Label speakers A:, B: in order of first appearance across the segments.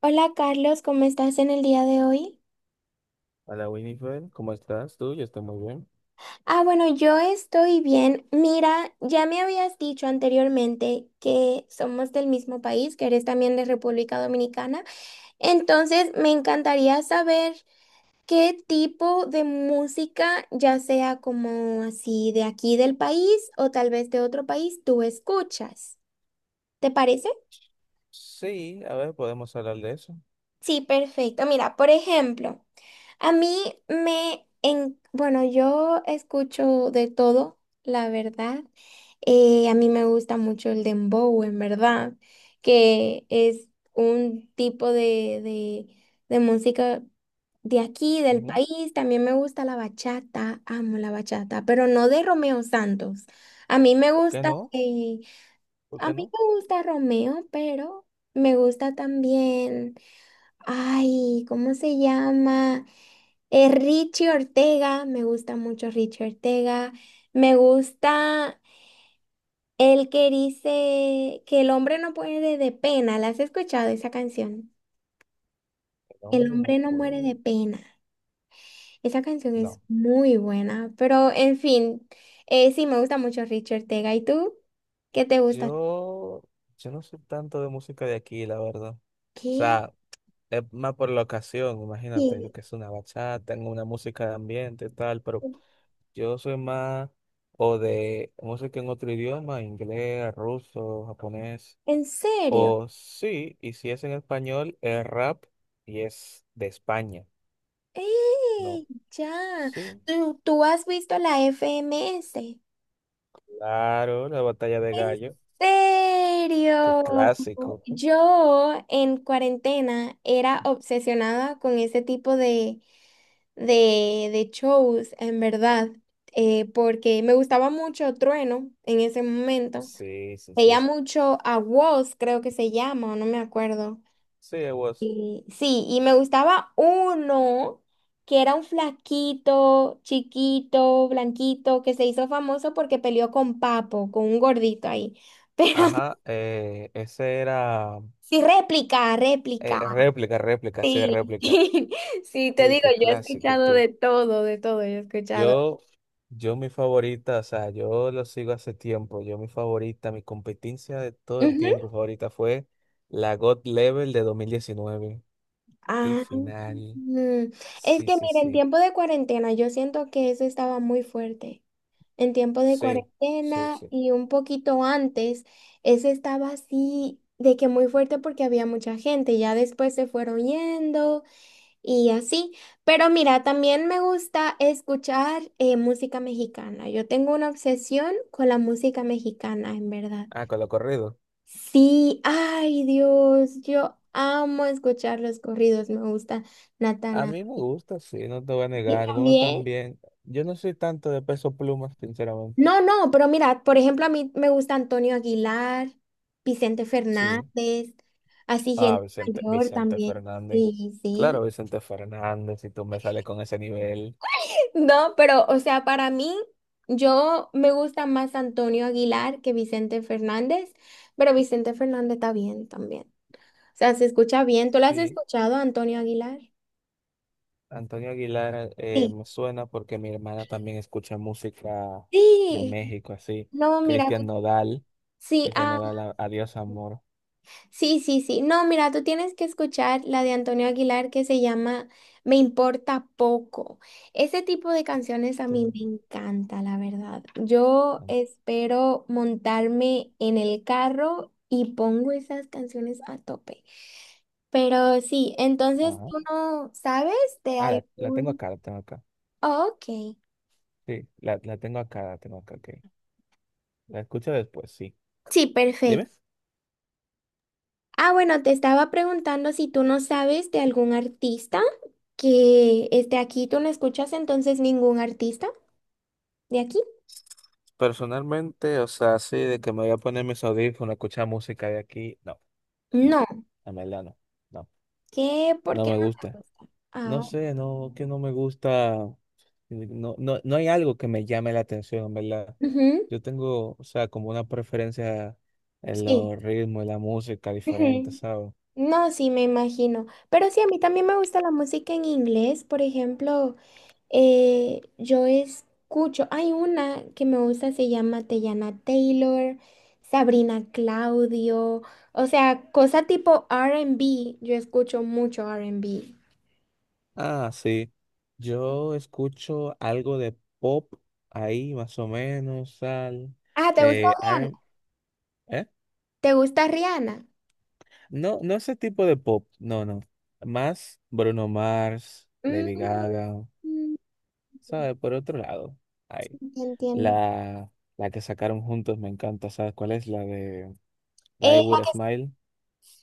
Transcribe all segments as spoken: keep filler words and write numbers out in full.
A: Hola Carlos, ¿cómo estás en el día de hoy?
B: Hola Winifred, ¿cómo estás tú? Yo estoy muy bien.
A: Ah, bueno, yo estoy bien. Mira, ya me habías dicho anteriormente que somos del mismo país, que eres también de República Dominicana. Entonces, me encantaría saber qué tipo de música, ya sea como así de aquí del país o tal vez de otro país, tú escuchas. ¿Te parece?
B: Sí, a ver, podemos hablar de eso.
A: Sí, perfecto. Mira, por ejemplo. A mí me, en, bueno, yo escucho de todo, la verdad. Eh, a mí me gusta mucho el dembow, en verdad, que es un tipo de, de, de música de aquí, del
B: Ujú.
A: país. También me gusta la bachata, amo la bachata, pero no de Romeo Santos. A mí me
B: ¿Por qué
A: gusta,
B: no?
A: eh,
B: ¿Por
A: a
B: qué
A: mí
B: no?
A: me gusta Romeo, pero me gusta también. Ay, ¿cómo se llama? Eh, Richie Ortega, me gusta mucho Richie Ortega. Me gusta el que dice que el hombre no muere de pena. ¿La has escuchado esa canción?
B: El
A: El
B: hombre no
A: hombre no muere
B: puede.
A: de pena. Esa canción es
B: No.
A: muy buena, pero en fin, eh, sí, me gusta mucho Richie Ortega. ¿Y tú? ¿Qué te gusta?
B: Yo, yo no soy tanto de música de aquí, la verdad. O
A: ¿Qué?
B: sea, es más por la ocasión, imagínate, yo
A: ¿Qué?
B: que es una bachata, tengo una música de ambiente, y tal, pero yo soy más o de música en otro idioma, inglés, ruso, japonés,
A: ¿En serio?
B: o sí, y si es en español, es rap y es de España. No.
A: ¡Ey! Ya.
B: Sí,
A: ¿Tú, tú has visto la F M S?
B: claro, la batalla de
A: ¿En
B: gallo. Qué
A: serio?
B: clásico.
A: Yo en cuarentena era obsesionada con ese tipo de, de, de shows, en verdad, eh, porque me gustaba mucho Trueno en ese momento.
B: Sí, sí,
A: Veía
B: sí.
A: mucho a Woz, creo que se llama, o no me acuerdo.
B: Sí, it was.
A: Y, sí, y me gustaba uno que era un flaquito, chiquito, blanquito, que se hizo famoso porque peleó con Papo, con un gordito ahí. Pero
B: Ajá, eh, ese era
A: sí, réplica,
B: eh,
A: réplica.
B: réplica, réplica, sí,
A: Sí,
B: réplica.
A: sí, sí, te
B: Uy,
A: digo,
B: qué
A: yo he
B: clásico
A: escuchado
B: tú.
A: de todo, de todo, yo he escuchado.
B: Yo, yo mi favorita, o sea, yo lo sigo hace tiempo. Yo mi favorita, mi competencia de todo el
A: Ujú.
B: tiempo favorita fue la God Level de dos mil diecinueve. Qué
A: Ah,
B: final.
A: mm, es
B: Sí,
A: que
B: sí,
A: mira, en
B: sí.
A: tiempo de cuarentena yo siento que eso estaba muy fuerte. En tiempo de
B: Sí, sí,
A: cuarentena
B: sí.
A: y un poquito antes, eso estaba así de que muy fuerte porque había mucha gente. Ya después se fueron yendo. Y así, pero mira, también me gusta escuchar eh, música mexicana. Yo tengo una obsesión con la música mexicana, en verdad.
B: Ah, con lo corrido.
A: Sí, ay Dios, yo amo escuchar los corridos, me gusta
B: A
A: Natana.
B: mí me gusta, sí, no te voy a negar.
A: Y
B: Algunos
A: también,
B: también. Yo no soy tanto de peso pluma, sinceramente.
A: no, no, pero mira, por ejemplo, a mí me gusta Antonio Aguilar, Vicente
B: Sí.
A: Fernández, así
B: Ah,
A: gente
B: Vicente,
A: mayor
B: Vicente
A: también.
B: Fernández.
A: Sí,
B: Claro,
A: sí.
B: Vicente Fernández, si tú me sales con ese nivel.
A: No, pero, o sea, para mí, yo me gusta más Antonio Aguilar que Vicente Fernández, pero Vicente Fernández está bien también. O sea, se escucha bien. ¿Tú lo has
B: Sí.
A: escuchado, Antonio Aguilar?
B: Antonio Aguilar, eh,
A: Sí.
B: me suena porque mi hermana también escucha música de
A: Sí.
B: México, así.
A: No, mira,
B: Cristian Nodal,
A: sí,
B: Cristian
A: ah.
B: Nodal, a- Adiós Amor.
A: Sí, sí, sí. No, mira, tú tienes que escuchar la de Antonio Aguilar que se llama Me importa poco. Ese tipo de canciones a mí
B: Tú.
A: me encanta, la verdad. Yo espero montarme en el carro y pongo esas canciones a tope. Pero sí, entonces
B: Ajá.
A: tú no sabes de
B: Ah, la, la tengo
A: algún...
B: acá, la tengo acá.
A: Ok.
B: Sí, la, la tengo acá, la tengo acá, ok. La escucho después, sí.
A: Sí, perfecto.
B: Dime.
A: Ah, bueno, te estaba preguntando si tú no sabes de algún artista que esté aquí. ¿Tú no escuchas entonces ningún artista de aquí?
B: Personalmente, o sea, así de que me voy a poner mis audífonos, escuchar música de aquí, no, no,
A: No.
B: en verdad no, no,
A: ¿Qué? ¿Por
B: no
A: qué
B: me
A: no te
B: gusta.
A: gusta? Ah,
B: No sé, no, que no me gusta, no, no, no hay algo que me llame la atención, en verdad.
A: ujú,
B: Yo tengo, o sea, como una preferencia en
A: Sí,
B: los ritmos, en la música diferente,
A: ujú.
B: ¿sabes?
A: No, sí, me imagino. Pero sí, a mí también me gusta la música en inglés. Por ejemplo, Eh, yo escucho, hay una que me gusta, se llama Teyana Taylor, Sabrina Claudio, o sea, cosa tipo R and B, yo escucho mucho R and B.
B: Ah, sí, yo escucho algo de pop ahí, más o menos, al,
A: Ah, ¿te gusta
B: eh,
A: Rihanna? ¿Te gusta Rihanna?
B: no, no ese tipo de pop, no, no. Más Bruno Mars,
A: Mm,
B: Lady Gaga,
A: mm,
B: ¿sabes? Por otro lado, ay,
A: entiendo.
B: la, la que sacaron juntos me encanta, ¿sabes cuál es? La de Die
A: Eh,
B: With a Smile.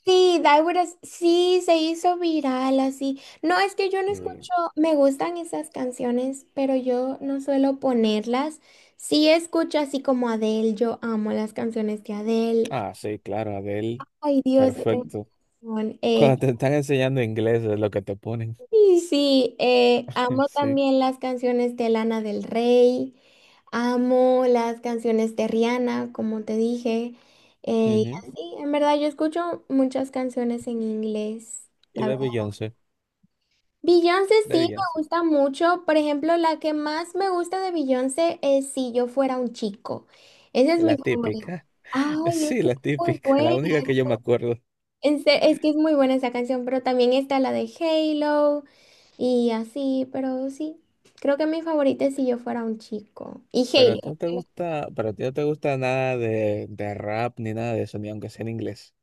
A: Sí, Daiguras, sí, se hizo viral así. No, es que yo no
B: Sí.
A: escucho, me gustan esas canciones, pero yo no suelo ponerlas. Sí escucho así como Adele, yo amo las canciones de Adele.
B: Ah, sí, claro, Adele,
A: Ay, Dios, yo tengo
B: perfecto.
A: razón. Eh,
B: Cuando te están enseñando inglés es lo que te ponen,
A: y sí, eh, amo
B: sí.
A: también las canciones de Lana del Rey, amo las canciones de Rihanna, como te dije, eh, y
B: Ujú.
A: así, en verdad, yo escucho muchas canciones en inglés.
B: Y de Beyoncé,
A: Beyoncé
B: de
A: sí me
B: Beyoncé.
A: gusta mucho. Por ejemplo, la que más me gusta de Beyoncé es Si yo fuera un chico. Esa es mi
B: La
A: favorita.
B: típica,
A: Ay, es
B: sí,
A: que es
B: la
A: muy
B: típica, la
A: buena.
B: única que yo me acuerdo.
A: En se- Es que es muy buena esa canción, pero también está la de Halo y así, pero sí. Creo que mi favorita es Si yo fuera un chico. Y
B: Pero a ti
A: Halo.
B: no te gusta, pero a ti no te gusta nada de, de rap ni nada de eso, ni aunque sea en inglés.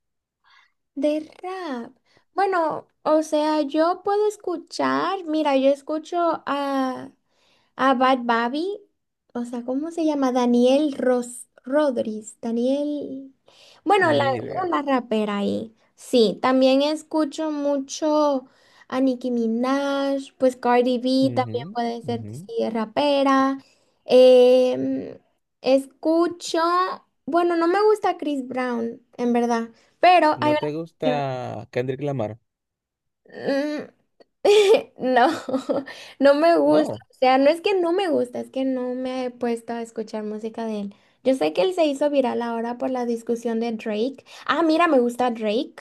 A: De rap. Bueno, o sea, yo puedo escuchar. Mira, yo escucho a A Bad Babi, o sea, ¿cómo se llama? Daniel Ros Rodríguez, Daniel, bueno, la,
B: Ni idea.
A: una rapera ahí. Sí, también escucho mucho a Nicki Minaj, pues Cardi B
B: Ujú,
A: también puede ser,
B: ujú.
A: sí, rapera. Em, escucho, bueno, no me gusta Chris Brown, en verdad, pero hay
B: ¿No
A: una
B: te
A: canción.
B: gusta Kendrick Lamar?
A: mm, No, no me No. gusta.
B: No,
A: O sea, no es que no me gusta, es que no me he puesto a escuchar música de él. Yo sé que él se hizo viral ahora por la discusión de Drake. Ah, mira, me gusta Drake.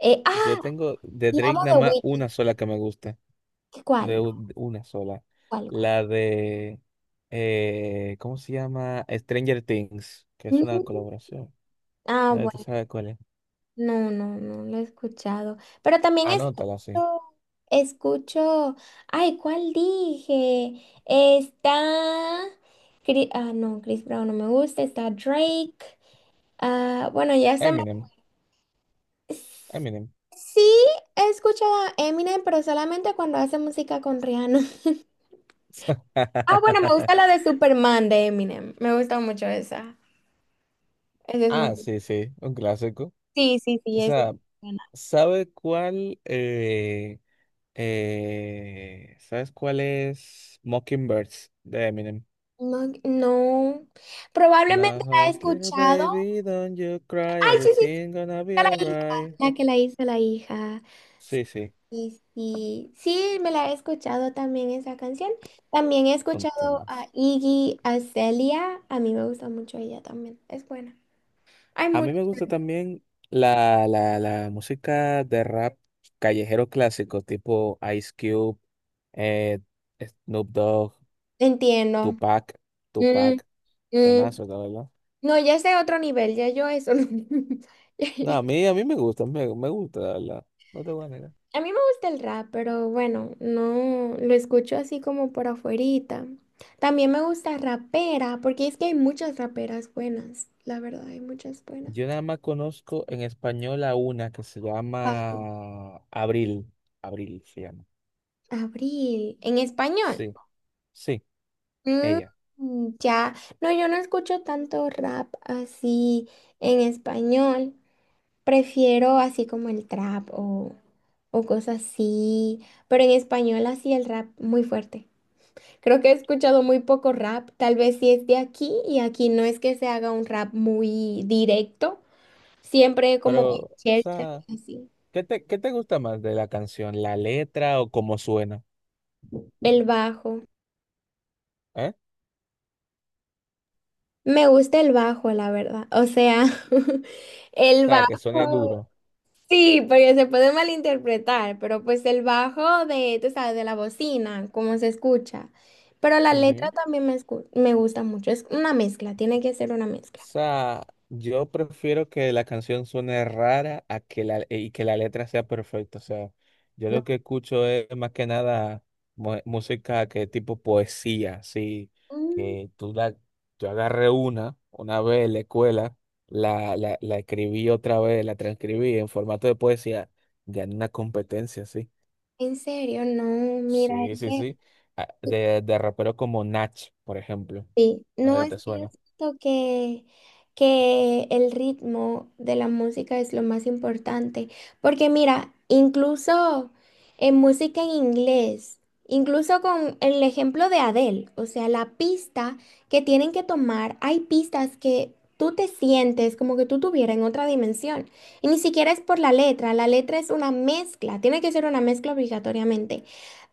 A: Eh, ah,
B: yo tengo de
A: y
B: Drake
A: amo
B: nada
A: The
B: más
A: Weeknd.
B: una sola que me gusta. De
A: ¿Cuál?
B: un- una sola.
A: ¿Cuál? ¿Cuál?
B: La de, eh, ¿cómo se llama? Stranger Things, que es una
A: Mm,
B: colaboración.
A: Ah,
B: Nadie te
A: bueno,
B: sabe cuál es.
A: no, no, no lo he escuchado. Pero también
B: Anótala, sí.
A: escucho, escucho, ay, ¿cuál dije? Está, Chri- ah, no, Chris Brown no me gusta, está Drake. Ah, bueno, ya se me...
B: Eminem, Eminem.
A: Sí, he escuchado a Eminem, pero solamente cuando hace música con Rihanna. Ah, bueno, me gusta la de Superman de Eminem. Me gusta mucho esa. Esa es muy...
B: Ah, sí, sí, un clásico.
A: Sí, sí,
B: O
A: sí, esa es
B: sea,
A: buena.
B: ¿sabe cuál? eh, eh, ¿sabes cuál es Mockingbirds de Eminem?
A: No, no. Probablemente
B: Now,
A: la he
B: hush, little
A: escuchado.
B: baby, don't you cry,
A: Ay, sí, sí, sí,
B: everything gonna be
A: la hija,
B: alright.
A: la que la hizo la hija.
B: Sí, sí,
A: Y sí, sí, me la he escuchado también esa canción. También he
B: un
A: escuchado a
B: más.
A: Iggy Azalea. A mí me gusta mucho ella también. Es buena. Hay
B: A mí
A: mucho.
B: me gusta también la, la, la música de rap callejero clásico, tipo Ice Cube, eh, Snoop Dogg,
A: Entiendo.
B: Tupac,
A: Mm,
B: Tupac,
A: mm.
B: temazo, la verdad.
A: No, ya es de otro nivel, ya yo eso no. Ya-
B: No,
A: ya-
B: a mí, a mí me gusta, me, me gusta, la verdad. No te voy a negar.
A: A mí me gusta el rap, pero bueno, no lo escucho así como por afuerita. También me gusta rapera, porque es que hay muchas raperas buenas, la verdad, hay muchas buenas.
B: Yo nada más conozco en español a una que se
A: Pa-
B: llama Abril. Abril se llama.
A: Abril, en español.
B: Sí, sí, ella.
A: Mm, ya, no, yo no escucho tanto rap así en español. Prefiero así como el trap o, o cosas así, pero en español así el rap muy fuerte. Creo que he escuchado muy poco rap, tal vez si es de aquí y aquí no es que se haga un rap muy directo, siempre como
B: Pero, o
A: chercha,
B: sea,
A: así.
B: ¿qué te, qué te gusta más de la canción? ¿La letra o cómo suena?
A: El bajo.
B: ¿Eh? O
A: Me gusta el bajo, la verdad. O sea, el
B: sea, que suene
A: bajo.
B: duro.
A: Sí, porque se puede malinterpretar, pero pues el bajo de, tú sabes, de la bocina, cómo se escucha. Pero la letra también me, escu- me gusta mucho, es una mezcla, tiene que ser una
B: O
A: mezcla.
B: sea, yo prefiero que la canción suene rara a que la, y que la letra sea perfecta. O sea, yo
A: No,
B: lo que escucho es más que nada mu- música que tipo poesía, así
A: mm,
B: que tú la, yo agarré una, una vez en la escuela, la, la, la escribí otra vez, la transcribí en formato de poesía, gané una competencia, sí.
A: en serio, no, mira,
B: Sí,
A: es
B: sí,
A: que...
B: sí. Ah, De, de raperos como Nach, por ejemplo.
A: Sí,
B: No sé
A: no
B: si
A: es
B: te
A: que yo
B: suena.
A: siento que, que el ritmo de la música es lo más importante, porque mira, incluso en música en inglés, incluso con el ejemplo de Adele, o sea, la pista que tienen que tomar, hay pistas que tú te sientes como que tú tuvieras en otra dimensión, y ni siquiera es por la letra, la letra es una mezcla, tiene que ser una mezcla obligatoriamente.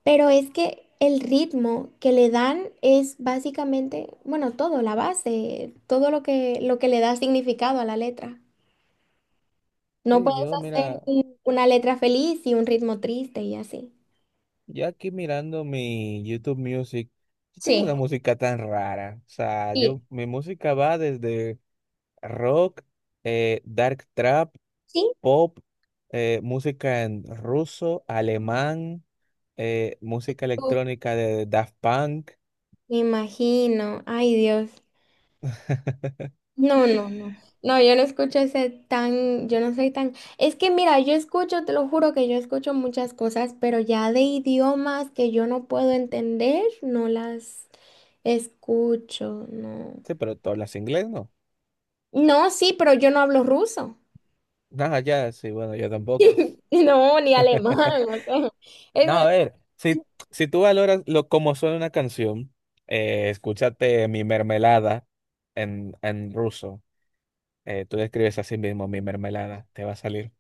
A: Pero es que el ritmo que le dan es básicamente, bueno, todo, la base, todo lo que, lo que le da significado a la letra. No
B: Sí,
A: puedes
B: yo,
A: hacer
B: mira,
A: un- una letra feliz y un ritmo triste y así.
B: yo aquí mirando mi YouTube Music, yo tengo
A: Sí,
B: una música tan rara. O sea,
A: y
B: yo, mi música va desde rock, eh, dark trap,
A: sí,
B: pop, eh, música en ruso, alemán, eh, música
A: Uf,
B: electrónica de Daft Punk.
A: me imagino, ay Dios. No, no, no. No, yo no escucho ese tan, yo no soy tan. Es que mira, yo escucho, te lo juro que yo escucho muchas cosas, pero ya de idiomas que yo no puedo entender, no las escucho, no.
B: Sí, pero tú hablas inglés, ¿no?
A: No, sí, pero yo no hablo ruso.
B: Nada, ya, sí, bueno, yo tampoco.
A: No, ni alemán, o sea,
B: No, a
A: es-
B: ver, si, si tú valoras lo como suena una canción, eh, escúchate Mi Mermelada en, en ruso. Eh, tú describes así mismo mi mermelada, te va a salir.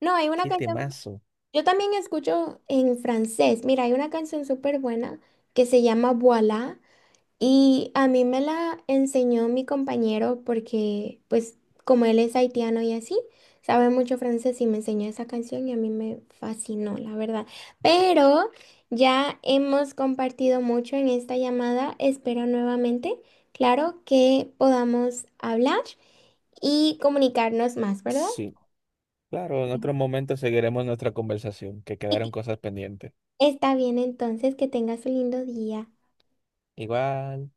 A: no, hay una
B: ¡Qué
A: canción.
B: temazo!
A: Yo también escucho en francés. Mira, hay una canción súper buena que se llama Voilà. Y a mí me la enseñó mi compañero porque, pues, como él es haitiano y así, sabe mucho francés y me enseñó esa canción y a mí me fascinó, la verdad. Pero ya hemos compartido mucho en esta llamada. Espero nuevamente, claro, que podamos hablar y comunicarnos más, ¿verdad?
B: Sí, claro, en otro momento seguiremos nuestra conversación, que quedaron cosas pendientes.
A: Está bien entonces, que tengas un lindo día.
B: Igual.